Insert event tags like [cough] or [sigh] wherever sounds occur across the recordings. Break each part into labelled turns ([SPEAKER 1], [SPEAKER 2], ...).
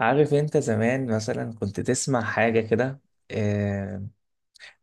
[SPEAKER 1] عارف انت زمان مثلا كنت تسمع حاجة كده. آه.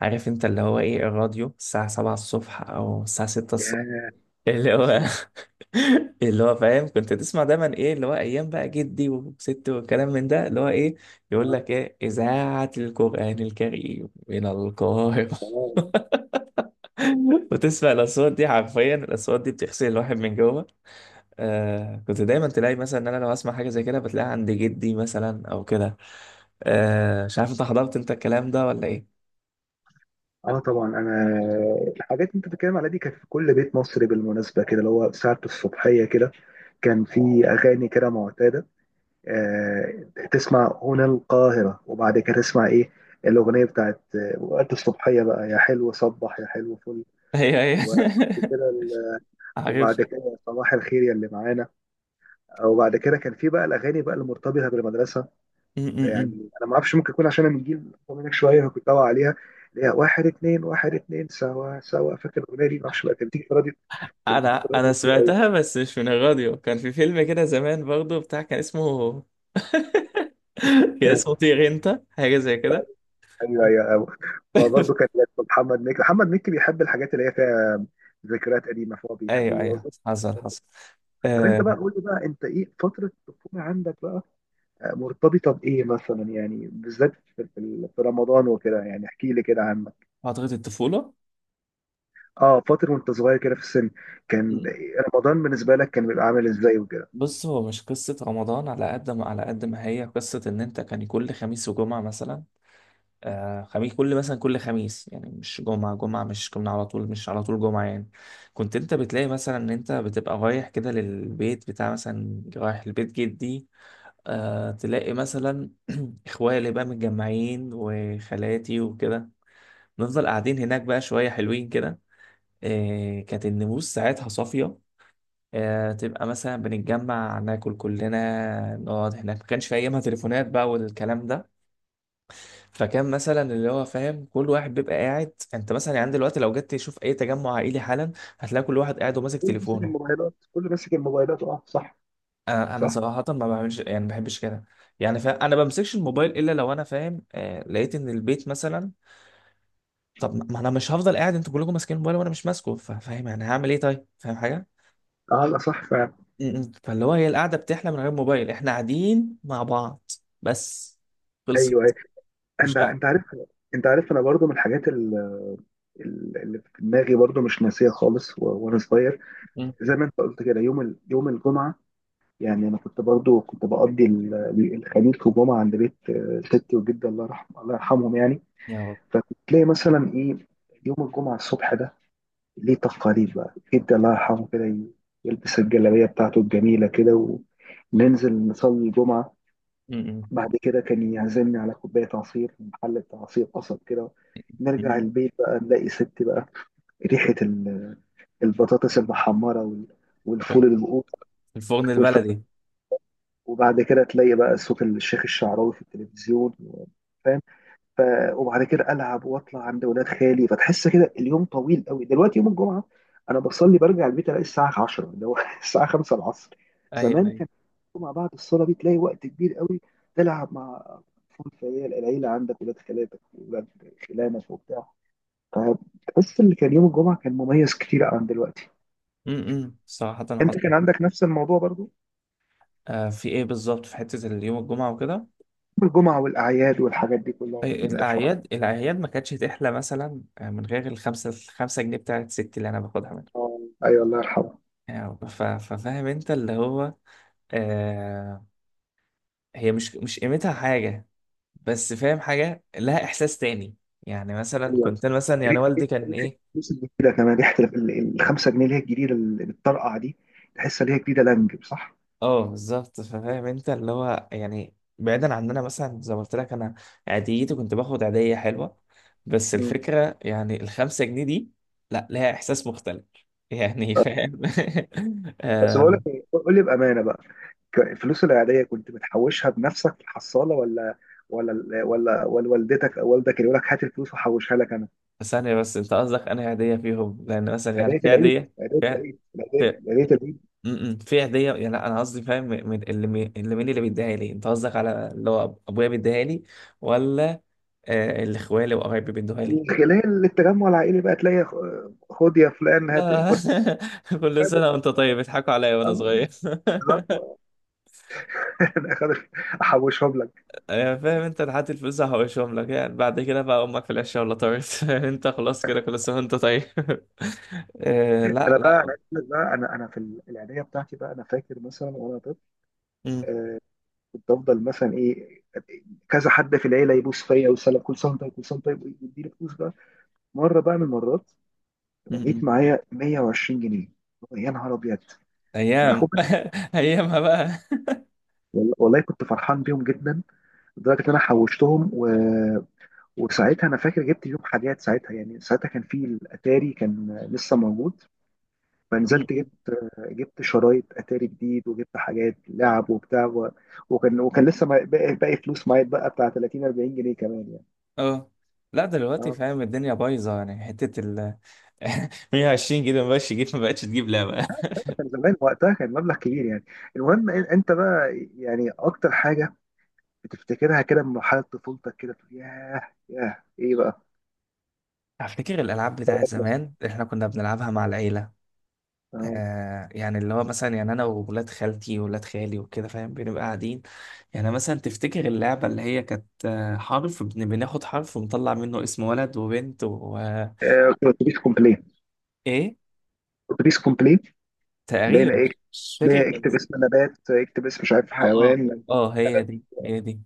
[SPEAKER 1] عارف انت اللي هو ايه الراديو الساعة سبعة الصبح او الساعة ستة الصبح
[SPEAKER 2] ياه،
[SPEAKER 1] اللي
[SPEAKER 2] يا
[SPEAKER 1] هو.
[SPEAKER 2] سلام.
[SPEAKER 1] [laughs] اللي هو فاهم كنت تسمع دايما ايه اللي هو ايام بقى جدي وستي والكلام من ده اللي هو ايه يقول
[SPEAKER 2] اه
[SPEAKER 1] لك ايه اذاعة القرآن الكريم من القاهرة. [laughs]
[SPEAKER 2] اه
[SPEAKER 1] وتسمع الاصوات دي حرفيا الاصوات دي بتغسل الواحد من جوه. آه كنت دايما تلاقي مثلا ان انا لو اسمع حاجه زي كده بتلاقيها عند جدي مثلا او كده. آه مش عارف انت حضرت انت الكلام ده ولا ايه.
[SPEAKER 2] طبعا انا الحاجات اللي انت بتتكلم عليها دي كانت في كل بيت مصري، بالمناسبه كده، اللي هو ساعه الصبحيه كده. كان في اغاني كده معتاده. تسمع هنا القاهره، وبعد كده تسمع، ايه، الاغنيه بتاعت، وقت الصبحيه بقى، يا حلو صبح يا حلو فل.
[SPEAKER 1] [laughs] هي هي.
[SPEAKER 2] وبعد كده ال-
[SPEAKER 1] [laughs] عارف.
[SPEAKER 2] وبعد كده صباح الخير يا اللي معانا. وبعد كده كان في بقى الاغاني بقى المرتبطه بالمدرسه.
[SPEAKER 1] م.
[SPEAKER 2] يعني انا ما اعرفش، ممكن يكون عشان انا من جيل اكبر منك شويه كنت داوي عليها، اللي هي واحد اتنين واحد اتنين سوا سوا، فاكر الاغنيه دي؟ ما اعرفش بقى، كانت بتيجي في الراديو، كانت بتيجي في
[SPEAKER 1] انا
[SPEAKER 2] الراديو
[SPEAKER 1] انا
[SPEAKER 2] كتير قوي.
[SPEAKER 1] سمعتها بس مش من الراديو كان في فيلم كده زمان برضو بتاع كان اسمه. [laughs] كان اسمه
[SPEAKER 2] [laughs]
[SPEAKER 1] طير انت حاجه زي كده.
[SPEAKER 2] ايوه، ايوه، أيوة. برضه كان
[SPEAKER 1] [laughs]
[SPEAKER 2] محمد مكي بيحب الحاجات اللي هي فيها ذكريات قديمه، فهو بيحب
[SPEAKER 1] ايوه ايوه
[SPEAKER 2] يوظف.
[SPEAKER 1] حصل حصل.
[SPEAKER 2] طب انت
[SPEAKER 1] آه.
[SPEAKER 2] بقى قول لي بقى، انت ايه فتره الطفوله عندك بقى مرتبطه بايه مثلا؟ يعني بالذات في رمضان وكده، يعني احكي لي كده عنك.
[SPEAKER 1] فتره الطفوله.
[SPEAKER 2] اه، فتره وانت صغير كده في السن، كان رمضان بالنسبه لك كان بيبقى عامل ازاي وكده؟
[SPEAKER 1] بص هو مش قصة رمضان على قد ما على قد ما هي قصة إن أنت كان كل خميس وجمعة مثلا. آه خميس كل مثلا كل خميس يعني مش جمعة جمعة مش كنا على طول مش على طول جمعة يعني كنت أنت بتلاقي مثلا إن أنت بتبقى رايح كده للبيت بتاع مثلا رايح لبيت جدي. آه تلاقي مثلا إخوالي اللي بقى متجمعين وخالاتي وكده نفضل قاعدين هناك بقى شوية حلوين كده. آه كانت النفوس ساعتها صافية. آه، تبقى مثلا بنتجمع ناكل كلنا نقعد هناك ما كانش في ايامها تليفونات بقى والكلام ده. فكان مثلا اللي هو فاهم كل واحد بيبقى قاعد انت مثلا يعني دلوقتي لو جيت تشوف اي تجمع عائلي حالا هتلاقي كل واحد قاعد وماسك
[SPEAKER 2] كله ماسك
[SPEAKER 1] تليفونه.
[SPEAKER 2] الموبايلات، كله ماسك الموبايلات، اه صح.
[SPEAKER 1] انا
[SPEAKER 2] صح.
[SPEAKER 1] صراحه ما بعملش يعني ما بحبش كده. يعني فا انا بمسكش الموبايل الا لو انا فاهم آه لقيت ان البيت مثلا طب ما انا مش هفضل قاعد انتوا كلكم ماسكين الموبايل وانا مش ماسكه فاهم يعني هعمل ايه طيب فاهم حاجه.
[SPEAKER 2] اه، لا، صح فعلا.
[SPEAKER 1] م-م. فاللي هو هي القعده بتحلى من غير موبايل احنا قاعدين مع بعض. بس خلصت
[SPEAKER 2] ايوه، ايوه.
[SPEAKER 1] مش
[SPEAKER 2] انت
[SPEAKER 1] قاعد.
[SPEAKER 2] انت عارف انت عارف انا برضو من الحاجات اللي في دماغي برضو مش ناسيه خالص. و وانا صغير،
[SPEAKER 1] م.
[SPEAKER 2] زي ما انت قلت كده، يوم يوم الجمعه يعني، انا كنت برضو كنت بقضي الخميس والجمعه عند بيت، تيتي وجدي الله يرحمه، الله يرحمهم يعني.
[SPEAKER 1] يا رب.
[SPEAKER 2] فتلاقي مثلا ايه، يوم الجمعه الصبح ده ليه تقاليد بقى، جدي الله يرحمه كده يلبس الجلابية بتاعته الجميلة كده، وننزل نصلي الجمعة.
[SPEAKER 1] م-م.
[SPEAKER 2] بعد كده كان يعزمني على كوباية عصير من محل بتاع عصير قصب كده. نرجع
[SPEAKER 1] م-م.
[SPEAKER 2] البيت بقى نلاقي ستي بقى ريحة البطاطس المحمرة والفول المقوط
[SPEAKER 1] في الفرن
[SPEAKER 2] والف...
[SPEAKER 1] البلدي.
[SPEAKER 2] وبعد كده تلاقي بقى صوت الشيخ الشعراوي في التلفزيون. ف... وبعد كده العب واطلع عند ولاد خالي، فتحس كده اليوم طويل قوي. دلوقتي يوم الجمعه انا بصلي برجع البيت الاقي الساعه 10، اللي هو [laughs] الساعه 5 العصر.
[SPEAKER 1] ايوه
[SPEAKER 2] زمان
[SPEAKER 1] ايوه.
[SPEAKER 2] كان الجمعه بعد الصلاه دي تلاقي وقت كبير قوي، تلعب مع اطفال في العيله عندك، ولاد خالاتك، ولاد خلانك وبتاع. فتحس ان كان يوم الجمعه كان مميز كتير عن دلوقتي.
[SPEAKER 1] م-م. صراحه
[SPEAKER 2] انت
[SPEAKER 1] حصل.
[SPEAKER 2] كان عندك نفس الموضوع برضو؟
[SPEAKER 1] آه في ايه بالظبط في حته اليوم الجمعه وكده.
[SPEAKER 2] يوم الجمعه والاعياد والحاجات دي كلها
[SPEAKER 1] إيه،
[SPEAKER 2] الفرح.
[SPEAKER 1] الاعياد الاعياد ما كانتش تحلى مثلا آه، من غير الخمسه الخمسه جنيه بتاعت ستي اللي انا باخدها منها.
[SPEAKER 2] ايوه، الله يرحمه.
[SPEAKER 1] يعني ف- ففاهم انت اللي هو آه. هي مش قيمتها حاجه بس فاهم حاجة لها إحساس تاني. يعني مثلا كنت أنا مثلا يعني
[SPEAKER 2] ريحه،
[SPEAKER 1] والدي
[SPEAKER 2] ريحة
[SPEAKER 1] كان إيه.
[SPEAKER 2] الفلوس الجديده كمان، ريحه الخمسة جنيه اللي هي الجديده اللي بتطرقع دي، تحس ان هي جديده لانج، صح؟
[SPEAKER 1] أه بالظبط فاهم أنت اللي هو يعني بعيدا عننا مثلا زي ما قلت لك أنا عاديتي كنت باخد عادية حلوة. بس
[SPEAKER 2] مم.
[SPEAKER 1] الفكرة يعني الخمسة جنيه دي لا لها إحساس مختلف. يعني [laughs]
[SPEAKER 2] آه.
[SPEAKER 1] فاهم.
[SPEAKER 2] بس
[SPEAKER 1] آه،
[SPEAKER 2] بقول لك إيه، قول لي بامانه بقى، الفلوس العاديه كنت بتحوشها بنفسك في الحصاله، ولا ولا ال- ولا ولا والدتك او والدك اللي يقول لك هات الفلوس وحوشها لك انا؟
[SPEAKER 1] ثانية بس أنت قصدك أنا عادية فيهم لأن مثلا يعني
[SPEAKER 2] عيدية
[SPEAKER 1] في
[SPEAKER 2] العيد
[SPEAKER 1] عادية.
[SPEAKER 2] عيدية
[SPEAKER 1] في
[SPEAKER 2] العيد عيدية عيدية العيد.
[SPEAKER 1] في هديه يعني لا انا قصدي فاهم من اللي اللي مين اللي بيديها لي انت قصدك على اللي هو ابويا بيديها لي ولا آه، اللي اخوالي وقرايبي بيدوها لي.
[SPEAKER 2] من خلال التجمع العائلي بقى تلاقي، خد يا فلان، هات،
[SPEAKER 1] لا.
[SPEAKER 2] خد.
[SPEAKER 1] [laughs] كل سنه
[SPEAKER 2] هات.
[SPEAKER 1] وانت طيب بيضحكوا عليا وانا
[SPEAKER 2] آه،
[SPEAKER 1] صغير. [laughs]
[SPEAKER 2] بالظبط. [laughs] انا أخد- احوشهم.
[SPEAKER 1] أيوة، فاهم انت لحد الفلوس هحوشهم لك يعني بعد كده بقى امك في العشاء ولا طارت. [laughs] انت خلاص كده كل سنه وانت طيب. [laughs] آه، لا
[SPEAKER 2] انا بقى، انا
[SPEAKER 1] لا.
[SPEAKER 2] عايز أقول لك بقى، انا في العيديه بتاعتي بقى، انا فاكر مثلا وانا طفل
[SPEAKER 1] امم.
[SPEAKER 2] كنت افضل مثلا ايه، كذا حد في العيله يبوس فيا ويسلم، كل سنه وأنت طيب، كل سنه وأنت طيب، ويديني فلوس بقى. مره بقى من المرات لقيت
[SPEAKER 1] امم.
[SPEAKER 2] معايا 120 جنيه. يا نهار ابيض، ما انا
[SPEAKER 1] ايام.
[SPEAKER 2] خد بالك.
[SPEAKER 1] [laughs] ايامها بقى.
[SPEAKER 2] والله كنت فرحان بيهم جدا، لدرجه ان انا حوشتهم و... وساعتها انا فاكر جبت بيهم حاجات، ساعتها يعني، ساعتها كان في الاتاري، كان لسه موجود، فنزلت
[SPEAKER 1] [laughs]
[SPEAKER 2] جبت، جبت شرايط اتاري جديد، وجبت حاجات لعب وبتاع. وكان لسه باقي، باقي فلوس معايا بقى بتاع 30، 40 جنيه كمان يعني.
[SPEAKER 1] اه لا دلوقتي
[SPEAKER 2] اه،
[SPEAKER 1] فاهم الدنيا بايظه يعني حته ال. [laughs] 120 جيجا ما بقتش تجيب ما بقتش تجيب لعبه.
[SPEAKER 2] كان زمان وقتها كان مبلغ كبير يعني. المهم انت بقى، يعني اكتر حاجه بتفتكرها كده من مرحله طفولتك كده، تقول ياه، ياه ايه بقى؟
[SPEAKER 1] [laughs] افتكر الالعاب بتاعت زمان احنا كنا بنلعبها مع العيله.
[SPEAKER 2] اه،
[SPEAKER 1] آه يعني اللي هو مثلا يعني انا وولاد خالتي وولاد خالي وكده فاهم بنبقى قاعدين. يعني مثلا تفتكر اللعبه اللي هي كانت آه، حرف بناخد حرف ونطلع منه اسم ولد وبنت و آه،
[SPEAKER 2] اتوبيس كومبلين.
[SPEAKER 1] ايه
[SPEAKER 2] اتوبيس كومبلين، لقينا
[SPEAKER 1] تقريبا
[SPEAKER 2] ايه،
[SPEAKER 1] مش فاكر
[SPEAKER 2] ليه،
[SPEAKER 1] كان
[SPEAKER 2] اكتب اسم
[SPEAKER 1] اسمها.
[SPEAKER 2] نبات، اكتب اسم، مش عارف،
[SPEAKER 1] اه اه.
[SPEAKER 2] حيوان.
[SPEAKER 1] اه هي دي هي دي.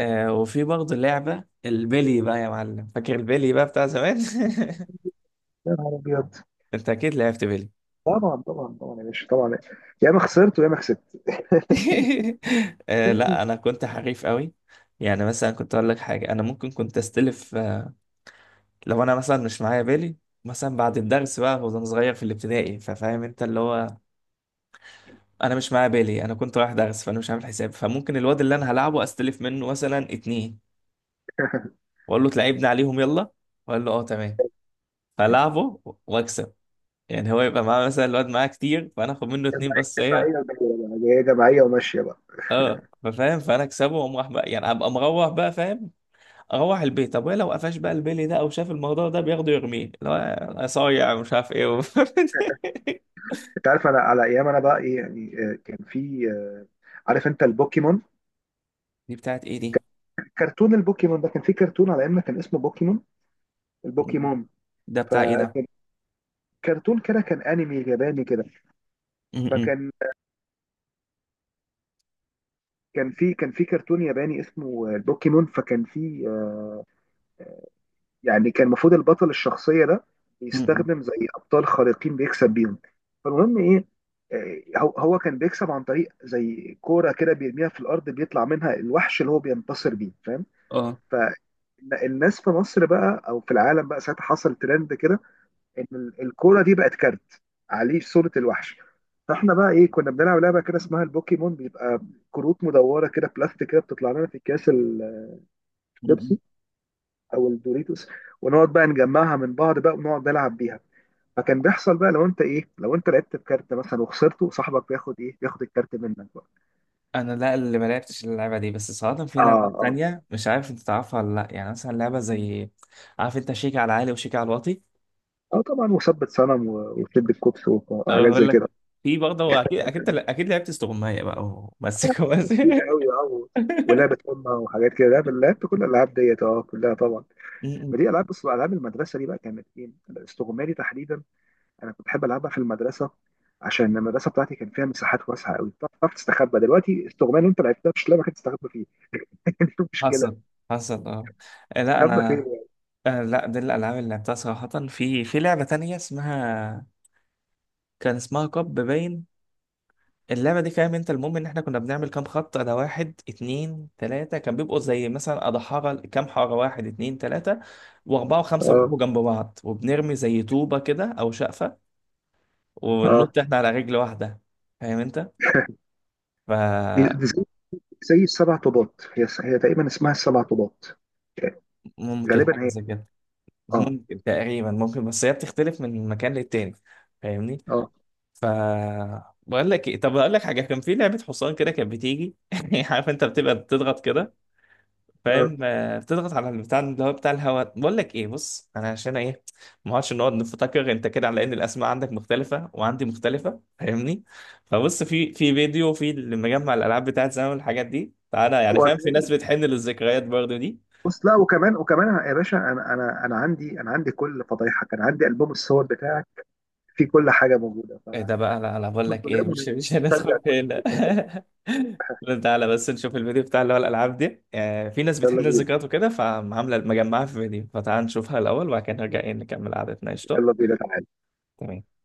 [SPEAKER 1] آه وفي برضه لعبة البيلي بقى يا معلم فاكر البيلي بقى بتاع زمان.
[SPEAKER 2] يا نهار ابيض.
[SPEAKER 1] [laughs] انت اكيد لعبت بيلي.
[SPEAKER 2] طبعا، طبعا، طبعا يا باشا، طبعا. يا اما خسرت ويا اما كسبت.
[SPEAKER 1] [laughs] آه لا
[SPEAKER 2] جماعية.
[SPEAKER 1] انا كنت حريف قوي. يعني مثلا كنت اقول لك حاجة انا ممكن كنت استلف آه، لو انا مثلا مش معايا بيلي مثلا بعد الدرس بقى وانا صغير في الابتدائي ففاهم انت اللي هو انا مش معايا بيلي انا كنت رايح درس فانا مش عامل حساب فممكن الواد اللي انا هلعبه استلف منه مثلا اتنين واقول له تلعبني عليهم يلا واقول له اه تمام فلعبه واكسب. يعني هو يبقى معاه مثلا الواد معاه كتير فانا اخد منه اتنين بس ايه.
[SPEAKER 2] جماعية ودايرة بقى هي، جماعية وماشية بقى.
[SPEAKER 1] اه ففاهم فانا اكسبه واقوم راح بقى يعني ابقى مروح بقى فاهم اروح البيت. طب ولو قفش بقى البيلي ده او شاف الموضوع ده بياخده يرميه اللي هو انا صايع مش عارف ايه و... [laughs]
[SPEAKER 2] انت عارف انا على ايام انا بقى ايه يعني، كان في، عارف انت البوكيمون؟
[SPEAKER 1] دي بتاعت ايه دي.
[SPEAKER 2] كرتون البوكيمون ده، كان في كرتون على ايامنا كان اسمه بوكيمون، البوكيمون.
[SPEAKER 1] ده بتاع ايه ده.
[SPEAKER 2] فكان كرتون كده، كان انمي ياباني كده.
[SPEAKER 1] م-م.
[SPEAKER 2] فكان، كان في كرتون ياباني اسمه البوكيمون. فكان في، يعني كان المفروض البطل الشخصية ده
[SPEAKER 1] م-م.
[SPEAKER 2] بيستخدم زي أبطال خارقين بيكسب بيهم. فالمهم إيه، هو هو كان بيكسب عن طريق زي كورة كده، بيرميها في الأرض بيطلع منها الوحش اللي هو بينتصر بيه، فاهم؟
[SPEAKER 1] اه.
[SPEAKER 2] فالناس في مصر بقى، أو في العالم بقى، ساعتها حصل ترند كده، إن الكورة دي بقت كارت عليه صورة الوحش. فاحنا بقى ايه، كنا بنلعب لعبه كده اسمها البوكيمون، بيبقى كروت مدوره كده، بلاستيك كده، بتطلع لنا في اكياس
[SPEAKER 1] م-م.
[SPEAKER 2] الشيبسي او الدوريتوس، ونقعد بقى نجمعها من بعض بقى، ونقعد نلعب بيها. فكان بيحصل بقى لو انت ايه، لو انت لعبت بكارت مثلا وخسرته، صاحبك بياخد ايه، بياخد الكارت منك بقى.
[SPEAKER 1] انا لا اللي ما لعبتش اللعبه دي بس صراحه في
[SPEAKER 2] اه،
[SPEAKER 1] العاب
[SPEAKER 2] اه.
[SPEAKER 1] تانية مش عارف انت تعرفها ولا لا يعني مثلا لعبه زي عارف انت شيك على عالي وشيك على الواطي.
[SPEAKER 2] اه، طبعا، وثبت صنم، وشد الكوبس،
[SPEAKER 1] أنا
[SPEAKER 2] وحاجات
[SPEAKER 1] بقول
[SPEAKER 2] زي كده.
[SPEAKER 1] لك في برضه هو اكيد اكيد اكيد لعبت استغماية بقى
[SPEAKER 2] آه،
[SPEAKER 1] ومسك
[SPEAKER 2] كتير
[SPEAKER 1] ومسك.
[SPEAKER 2] قوي اه.
[SPEAKER 1] [laughs]
[SPEAKER 2] ولعبة أمة وحاجات كده، لعبت كل الألعاب ديت، اه، كلها طبعا. ما دي ألعاب، بص، ألعاب المدرسة دي بقى كانت إيه، الاستغمالي تحديدا، أنا كنت بحب ألعبها في المدرسة، عشان المدرسه بتاعتي كان فيها مساحات واسعه قوي بتعرف تستخبى. دلوقتي استغمال انت لعبتها؟ مش لعبه كانت تستخبى فيها انت، شوف مشكله،
[SPEAKER 1] حصل حصل اه. آه، لا
[SPEAKER 2] استخبى فين
[SPEAKER 1] انا
[SPEAKER 2] يعني.
[SPEAKER 1] آه، لا دي الالعاب اللي لعبتها صراحه. في لعبه تانية اسمها كان اسمها كاب باين. اللعبه دي فاهم انت المهم ان احنا كنا بنعمل كام خط ده واحد اتنين تلاته كان بيبقوا زي مثلا اضحاره كام حاره واحد اتنين تلاته واربعه وخمسه
[SPEAKER 2] اه،
[SPEAKER 1] بيبقوا جنب بعض وبنرمي زي طوبه كده او شقفه
[SPEAKER 2] اه،
[SPEAKER 1] وننط احنا على رجل واحده فاهم انت
[SPEAKER 2] دي,
[SPEAKER 1] ف.
[SPEAKER 2] دي زي، زي السبع طوبات. هي هي تقريبا اسمها السبع طوبات.
[SPEAKER 1] ممكن
[SPEAKER 2] غالبا
[SPEAKER 1] حاجة
[SPEAKER 2] هي.
[SPEAKER 1] زي كده.
[SPEAKER 2] اه،
[SPEAKER 1] ممكن تقريبا ممكن بس هي بتختلف من مكان للتاني فاهمني
[SPEAKER 2] اه،
[SPEAKER 1] ف. بقول لك ايه طب اقول لك حاجه كان في لعبه حصان كده كانت بتيجي. [laughs] عارف انت بتبقى بتضغط كده
[SPEAKER 2] اه،
[SPEAKER 1] فاهم آه، بتضغط على البتاع اللي هو بتاع الهواء. بقول لك ايه بص انا عشان ايه ما اقعدش نقعد نفتكر انت كده على ان الاسماء عندك مختلفه وعندي مختلفه فاهمني. فبص في فيديو في اللي مجمع الالعاب بتاعت زمان والحاجات دي تعالى يعني فاهم في
[SPEAKER 2] وأنا-
[SPEAKER 1] ناس بتحن للذكريات برضه دي.
[SPEAKER 2] بص، لا، وكمان، وكمان يا باشا، انا، انا عندي كل فضايحك، انا عندي البوم الصور بتاعك فيه كل حاجه موجوده، ف
[SPEAKER 1] ايه ده بقى لا لا بقول لك ايه
[SPEAKER 2] الدولاب،
[SPEAKER 1] مش
[SPEAKER 2] ونسترجع
[SPEAKER 1] هندخل
[SPEAKER 2] كل
[SPEAKER 1] في هنا. [laughs]
[SPEAKER 2] حاجة.
[SPEAKER 1] لا، تعالى بس نشوف الفيديو بتاع اللي هو الالعاب دي آه، في ناس
[SPEAKER 2] يلا
[SPEAKER 1] بتحن
[SPEAKER 2] بينا،
[SPEAKER 1] الذكريات وكده فعامله مجمعها في فيديو فتعال نشوفها الاول وبعد كده نرجع ايه نكمل قعدتنا قشطه.
[SPEAKER 2] يلا بينا، تعالى.
[SPEAKER 1] تمام.